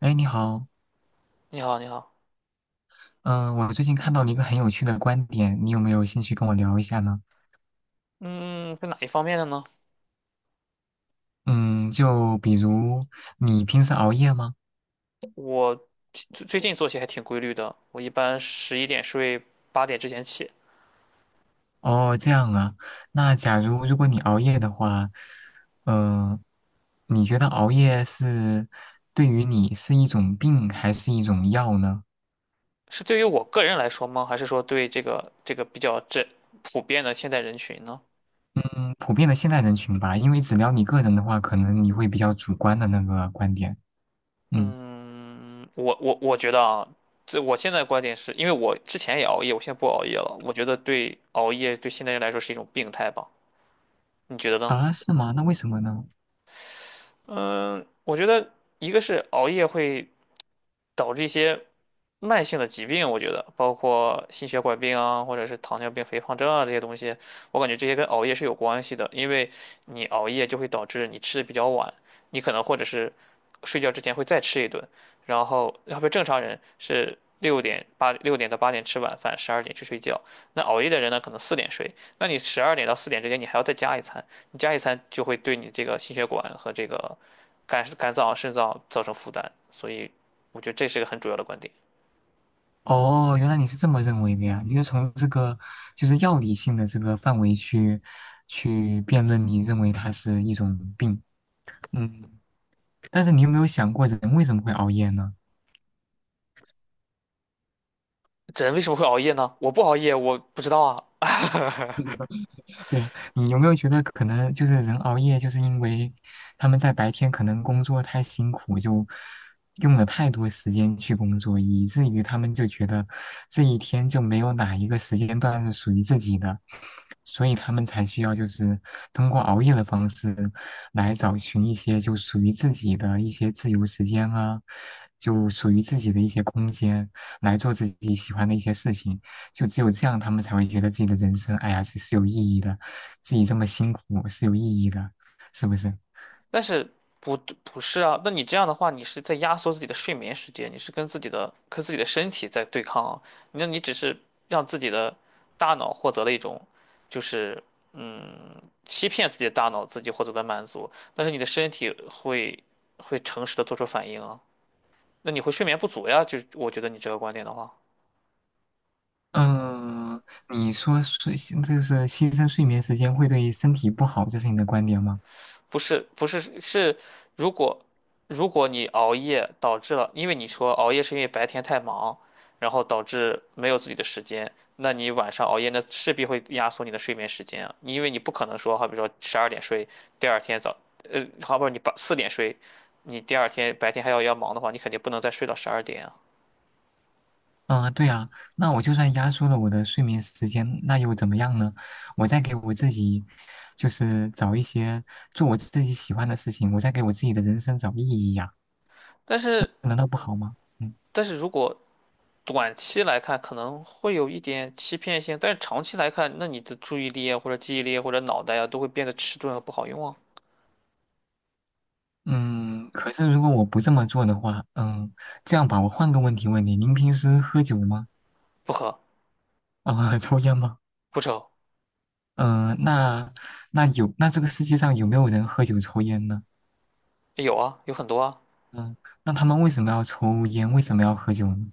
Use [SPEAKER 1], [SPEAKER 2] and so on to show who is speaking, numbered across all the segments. [SPEAKER 1] 哎，你好，
[SPEAKER 2] 你好，你好。
[SPEAKER 1] 嗯、我最近看到了一个很有趣的观点，你有没有兴趣跟我聊一下呢？
[SPEAKER 2] 嗯，是哪一方面的呢？
[SPEAKER 1] 嗯，就比如你平时熬夜吗？
[SPEAKER 2] 我最近作息还挺规律的，我一般11点睡，八点之前起。
[SPEAKER 1] 哦，这样啊，那如果你熬夜的话，嗯、你觉得熬夜是对于你是一种病还是一种药呢？
[SPEAKER 2] 是对于我个人来说吗？还是说对这个比较普遍的现代人群呢？
[SPEAKER 1] 嗯，普遍的现代人群吧，因为只聊你个人的话，可能你会比较主观的那个观点。嗯，
[SPEAKER 2] 嗯，我觉得啊，这我现在的观点是因为我之前也熬夜，我现在不熬夜了。我觉得对熬夜对现代人来说是一种病态吧？你觉得呢？
[SPEAKER 1] 啊，是吗？那为什么呢？
[SPEAKER 2] 嗯，我觉得一个是熬夜会导致一些慢性的疾病，我觉得包括心血管病啊，或者是糖尿病、肥胖症啊这些东西，我感觉这些跟熬夜是有关系的，因为你熬夜就会导致你吃的比较晚，你可能或者是睡觉之前会再吃一顿，然后要不正常人是6点到8点吃晚饭，十二点去睡觉，那熬夜的人呢可能四点睡，那你12点到4点之间你还要再加一餐，你加一餐就会对你这个心血管和这个肝脏、肾脏造成负担，所以我觉得这是个很主要的观点。
[SPEAKER 1] 哦，原来你是这么认为的呀？你是从这个就是药理性的这个范围去辩论，你认为它是一种病。嗯，但是你有没有想过人为什么会熬夜呢？
[SPEAKER 2] 人为什么会熬夜呢？我不熬夜，我不知道啊。
[SPEAKER 1] 对啊，你有没有觉得可能就是人熬夜，就是因为他们在白天可能工作太辛苦，就用了太多时间去工作，以至于他们就觉得这一天就没有哪一个时间段是属于自己的，所以他们才需要就是通过熬夜的方式来找寻一些就属于自己的一些自由时间啊，就属于自己的一些空间，来做自己喜欢的一些事情。就只有这样，他们才会觉得自己的人生，哎呀，是有意义的，自己这么辛苦是有意义的，是不是？
[SPEAKER 2] 但是不不是啊。那你这样的话，你是在压缩自己的睡眠时间，你是跟自己的身体在对抗啊。那你只是让自己的大脑获得了一种，就是嗯，欺骗自己的大脑自己获得的满足，但是你的身体会诚实的做出反应啊。那你会睡眠不足呀？就是我觉得你这个观点的话。
[SPEAKER 1] 嗯，你说就是牺牲睡眠时间会对身体不好，这是你的观点吗？
[SPEAKER 2] 不是，如果你熬夜导致了，因为你说熬夜是因为白天太忙，然后导致没有自己的时间，那你晚上熬夜，那势必会压缩你的睡眠时间啊。你因为你不可能说，好比说十二点睡，第二天早，呃，好比说你四点睡，你第二天白天还要忙的话，你肯定不能再睡到十二点啊。
[SPEAKER 1] 嗯，对啊，那我就算压缩了我的睡眠时间，那又怎么样呢？我再给我自己，就是找一些做我自己喜欢的事情，我再给我自己的人生找意义呀，
[SPEAKER 2] 但是
[SPEAKER 1] 难道不好吗？嗯
[SPEAKER 2] 如果短期来看可能会有一点欺骗性，但是长期来看，那你的注意力啊，或者记忆力啊，或者脑袋啊，都会变得迟钝和不好用啊。
[SPEAKER 1] 嗯，可是如果我不这么做的话，这样吧，我换个问题问你，您平时喝酒吗？
[SPEAKER 2] 不喝。
[SPEAKER 1] 啊、抽烟吗？
[SPEAKER 2] 不抽。
[SPEAKER 1] 嗯、呃那那有那这个世界上有没有人喝酒抽烟呢？
[SPEAKER 2] 有啊，有很多啊。
[SPEAKER 1] 嗯、那他们为什么要抽烟？为什么要喝酒呢？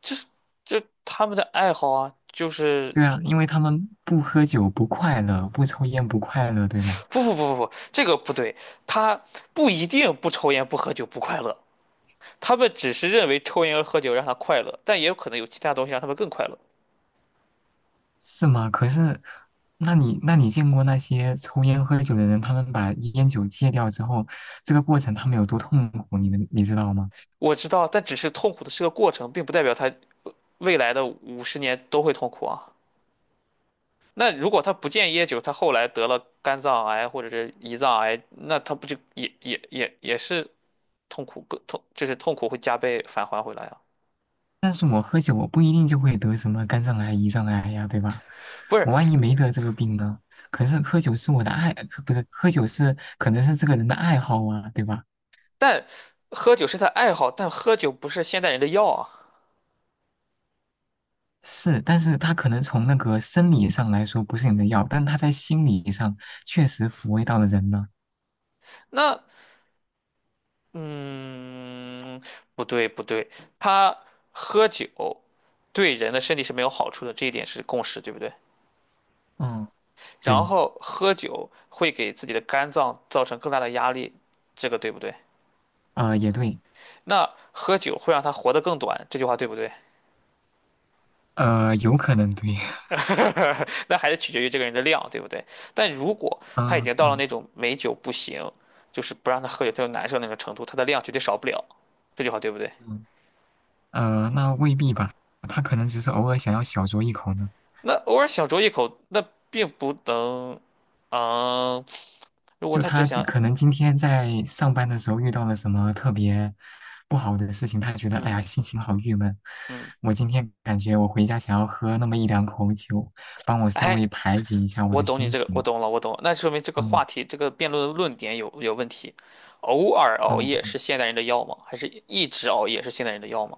[SPEAKER 2] 就是就他们的爱好啊，就是
[SPEAKER 1] 对啊，因为他们不喝酒不快乐，不抽烟不快乐，对吗？
[SPEAKER 2] 不不不不不，这个不对，他不一定不抽烟不喝酒不快乐，他们只是认为抽烟和喝酒让他快乐，但也有可能有其他东西让他们更快乐。
[SPEAKER 1] 是吗？可是，那你见过那些抽烟喝酒的人，他们把烟酒戒掉之后，这个过程他们有多痛苦，你们你知道吗？
[SPEAKER 2] 我知道，但只是痛苦的是个过程，并不代表他未来的50年都会痛苦啊。那如果他不戒烟酒，他后来得了肝脏癌或者是胰脏癌，那他不就也是痛苦更痛，就是痛苦会加倍返还回来啊？
[SPEAKER 1] 但是我喝酒，我不一定就会得什么肝脏癌、胰脏癌呀，对吧？
[SPEAKER 2] 不是。
[SPEAKER 1] 我万一没得这个病呢？可是喝酒是我的爱，可不是喝酒可能是这个人的爱好啊，对吧？
[SPEAKER 2] 但喝酒是他爱好，但喝酒不是现代人的药啊。
[SPEAKER 1] 是，但是他可能从那个生理上来说不是你的药，但他在心理上确实抚慰到了人呢。
[SPEAKER 2] 那嗯，不对不对，他喝酒对人的身体是没有好处的，这一点是共识，对不对？
[SPEAKER 1] 嗯，
[SPEAKER 2] 然
[SPEAKER 1] 对，
[SPEAKER 2] 后喝酒会给自己的肝脏造成更大的压力，这个对不对？
[SPEAKER 1] 也对，
[SPEAKER 2] 那喝酒会让他活得更短，这句话对不对？
[SPEAKER 1] 有可能对，
[SPEAKER 2] 那还是取决于这个人的量，对不对？但如果 他已
[SPEAKER 1] 嗯
[SPEAKER 2] 经到了
[SPEAKER 1] 嗯
[SPEAKER 2] 那种美酒不行，就是不让他喝酒，他就难受那种程度，他的量绝对少不了，这句话对不对？
[SPEAKER 1] 嗯，那未必吧，他可能只是偶尔想要小酌一口呢。
[SPEAKER 2] 那偶尔小酌一口，那并不能，嗯，如果
[SPEAKER 1] 就
[SPEAKER 2] 他只
[SPEAKER 1] 他
[SPEAKER 2] 想，
[SPEAKER 1] 可能今天在上班的时候遇到了什么特别不好的事情，他觉得哎
[SPEAKER 2] 嗯
[SPEAKER 1] 呀心情好郁闷。
[SPEAKER 2] 嗯，
[SPEAKER 1] 我今天感觉我回家想要喝那么一两口酒，帮我稍
[SPEAKER 2] 哎，
[SPEAKER 1] 微排解一下我
[SPEAKER 2] 我
[SPEAKER 1] 的
[SPEAKER 2] 懂你
[SPEAKER 1] 心
[SPEAKER 2] 这个，我
[SPEAKER 1] 情。
[SPEAKER 2] 懂了，我懂了，那说明这个
[SPEAKER 1] 嗯，
[SPEAKER 2] 话题，这个辩论的论点有问题。偶尔熬
[SPEAKER 1] 哦，
[SPEAKER 2] 夜是现代人的药吗？还是一直熬夜是现代人的药吗？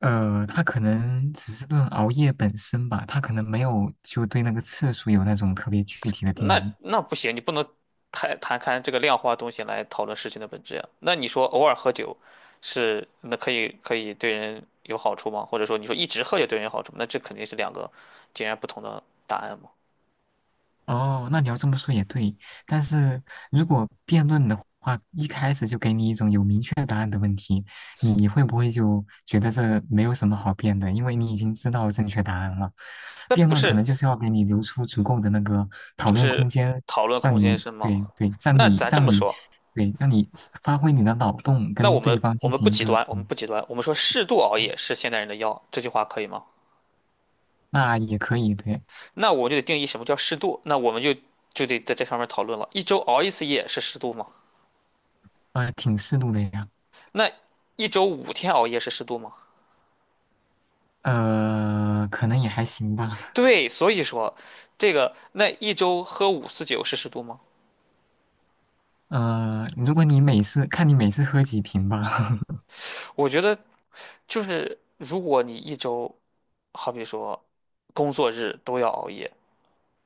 [SPEAKER 1] 他可能只是论熬夜本身吧，他可能没有就对那个次数有那种特别具体的定
[SPEAKER 2] 那
[SPEAKER 1] 义。
[SPEAKER 2] 那不行，你不能谈谈看这个量化东西来讨论事情的本质呀。那你说偶尔喝酒可以对人有好处吗？或者说你说一直喝酒对人有好处吗？那这肯定是两个截然不同的答案嘛。
[SPEAKER 1] 哦，那你要这么说也对，但是如果辩论的话，一开始就给你一种有明确答案的问题，你会不会就觉得这没有什么好辩的？因为你已经知道正确答案了。
[SPEAKER 2] 那
[SPEAKER 1] 辩
[SPEAKER 2] 不
[SPEAKER 1] 论可能
[SPEAKER 2] 是
[SPEAKER 1] 就是要给你留出足够的那个讨
[SPEAKER 2] 就
[SPEAKER 1] 论
[SPEAKER 2] 是
[SPEAKER 1] 空间，
[SPEAKER 2] 讨论
[SPEAKER 1] 让
[SPEAKER 2] 空间
[SPEAKER 1] 你
[SPEAKER 2] 是吗？
[SPEAKER 1] 对对，让
[SPEAKER 2] 那
[SPEAKER 1] 你
[SPEAKER 2] 咱这
[SPEAKER 1] 让
[SPEAKER 2] 么
[SPEAKER 1] 你
[SPEAKER 2] 说，
[SPEAKER 1] 对让你发挥你的脑洞，
[SPEAKER 2] 那我
[SPEAKER 1] 跟对
[SPEAKER 2] 们
[SPEAKER 1] 方
[SPEAKER 2] 我
[SPEAKER 1] 进
[SPEAKER 2] 们不
[SPEAKER 1] 行一
[SPEAKER 2] 极
[SPEAKER 1] 个
[SPEAKER 2] 端，我们
[SPEAKER 1] 嗯，
[SPEAKER 2] 不极端，我们说适度熬
[SPEAKER 1] 哦，
[SPEAKER 2] 夜是现代人的药，这句话可以吗？
[SPEAKER 1] 那也可以对，
[SPEAKER 2] 那我们就得定义什么叫适度，那我们就得在这上面讨论了。一周熬一次夜是适度吗？
[SPEAKER 1] 挺适度的呀，
[SPEAKER 2] 那一周5天熬夜是适度吗？
[SPEAKER 1] 可能也还行吧。
[SPEAKER 2] 对，所以说，这个那一周喝5次酒是适度吗？
[SPEAKER 1] 如果你每次喝几瓶吧，
[SPEAKER 2] 我觉得就是，如果你一周好比说工作日都要熬夜，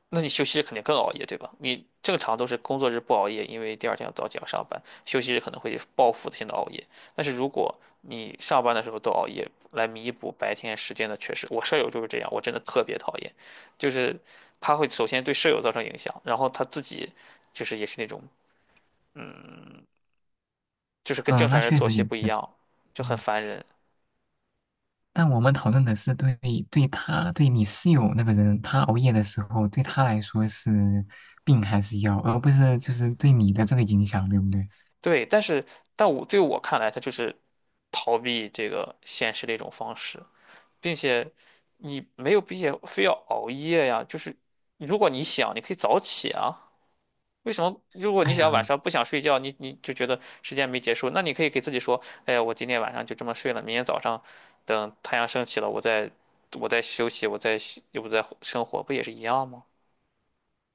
[SPEAKER 2] 那你休息日肯定更熬夜，对吧？你正常都是工作日不熬夜，因为第二天要早起要上班，休息日可能会报复性的熬夜。但是如果你上班的时候都熬夜，来弥补白天时间的缺失，我舍友就是这样，我真的特别讨厌，就是他会首先对舍友造成影响，然后他自己就是也是那种就是跟正
[SPEAKER 1] 嗯，
[SPEAKER 2] 常
[SPEAKER 1] 那
[SPEAKER 2] 人
[SPEAKER 1] 确
[SPEAKER 2] 作
[SPEAKER 1] 实
[SPEAKER 2] 息
[SPEAKER 1] 也
[SPEAKER 2] 不一
[SPEAKER 1] 是，
[SPEAKER 2] 样，就很
[SPEAKER 1] 嗯，
[SPEAKER 2] 烦人。
[SPEAKER 1] 但我们讨论的是对他对你室友那个人，他熬夜的时候对他来说是病还是药，而不是就是对你的这个影响，对不对？
[SPEAKER 2] 对，但我对我看来，他就是逃避这个现实的一种方式。并且你没有必要非要熬夜呀。就是如果你想，你可以早起啊。为什么如果你
[SPEAKER 1] 哎
[SPEAKER 2] 想晚
[SPEAKER 1] 呀，
[SPEAKER 2] 上不想睡觉，你就觉得时间没结束，那你可以给自己说，哎呀，我今天晚上就这么睡了，明天早上等太阳升起了，我再休息，我再又不再生活，不也是一样吗？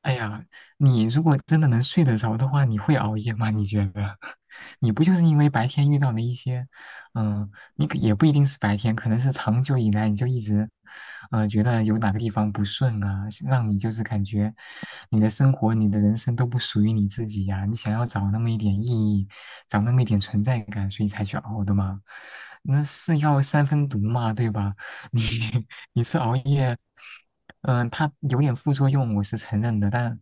[SPEAKER 1] 哎呀，你如果真的能睡得着的话，你会熬夜吗？你觉得？你不就是因为白天遇到了一些，你可也不一定是白天，可能是长久以来你就一直，觉得有哪个地方不顺啊，是让你就是感觉你的生活、你的人生都不属于你自己呀、你想要找那么一点意义，找那么一点存在感，所以才去熬的吗？那是药三分毒嘛，对吧？你一次熬夜，它有点副作用，我是承认的，但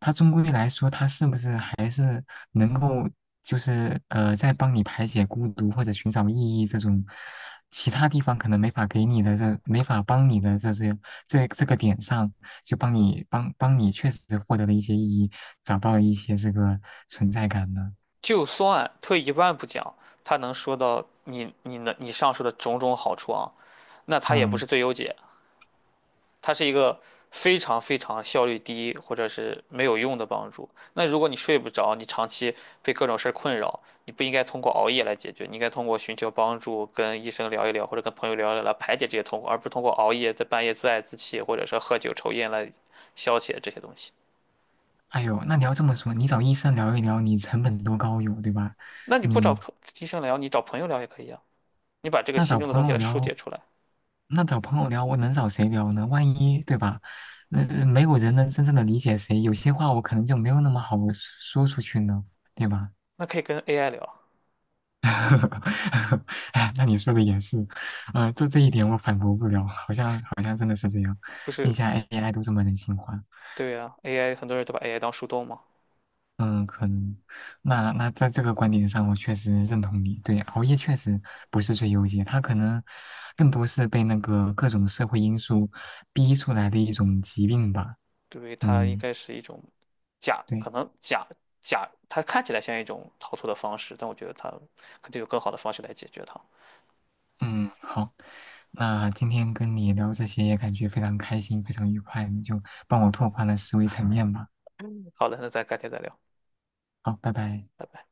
[SPEAKER 1] 它终归来说，它是不是还是能够，就是在帮你排解孤独或者寻找意义这种其他地方可能没法给你的这没法帮你的这些这个点上，就帮你确实获得了一些意义，找到了一些这个存在感呢。
[SPEAKER 2] 就算退一万步讲，他能说到你上述的种种好处啊，那他也不是
[SPEAKER 1] 嗯，
[SPEAKER 2] 最优解。它是一个非常非常效率低或者是没有用的帮助。那如果你睡不着，你长期被各种事儿困扰，你不应该通过熬夜来解决，你应该通过寻求帮助，跟医生聊一聊，或者跟朋友聊一聊来排解这些痛苦，而不是通过熬夜在半夜自爱自弃，或者是喝酒抽烟来消解这些东西。
[SPEAKER 1] 哎呦，那你要这么说，你找医生聊一聊，你成本多高有，对吧？
[SPEAKER 2] 那你不找
[SPEAKER 1] 你
[SPEAKER 2] 医生聊，你找朋友聊也可以啊。你把这个
[SPEAKER 1] 那
[SPEAKER 2] 心
[SPEAKER 1] 找
[SPEAKER 2] 中的
[SPEAKER 1] 朋
[SPEAKER 2] 东西
[SPEAKER 1] 友
[SPEAKER 2] 来疏
[SPEAKER 1] 聊，
[SPEAKER 2] 解出来，
[SPEAKER 1] 那找朋友聊,我能找谁聊呢？万一，对吧？那、没有人能真正的理解谁，有些话我可能就没有那么好说出去呢，对吧？
[SPEAKER 2] 那可以跟 AI 聊，
[SPEAKER 1] 哎，那你说的也是，这这一点我反驳不了，好像真的是这样，
[SPEAKER 2] 不
[SPEAKER 1] 并
[SPEAKER 2] 是？
[SPEAKER 1] 且 AI 都这么人性化，
[SPEAKER 2] 对呀，AI 很多人都把 AI 当树洞嘛。
[SPEAKER 1] 嗯，可能，那在这个观点上，我确实认同你，对，熬夜确实不是最优解，它可能更多是被那个各种社会因素逼出来的一种疾病吧。
[SPEAKER 2] 对，它应
[SPEAKER 1] 嗯。
[SPEAKER 2] 该是一种假，可
[SPEAKER 1] 对，
[SPEAKER 2] 能假假，它看起来像一种逃脱的方式，但我觉得它肯定有更好的方式来解决它。
[SPEAKER 1] 嗯，好，那今天跟你聊这些也感觉非常开心，非常愉快，你就帮我拓宽了思维层面吧。
[SPEAKER 2] 好的，那咱改天再聊，
[SPEAKER 1] 好，拜拜。
[SPEAKER 2] 拜拜。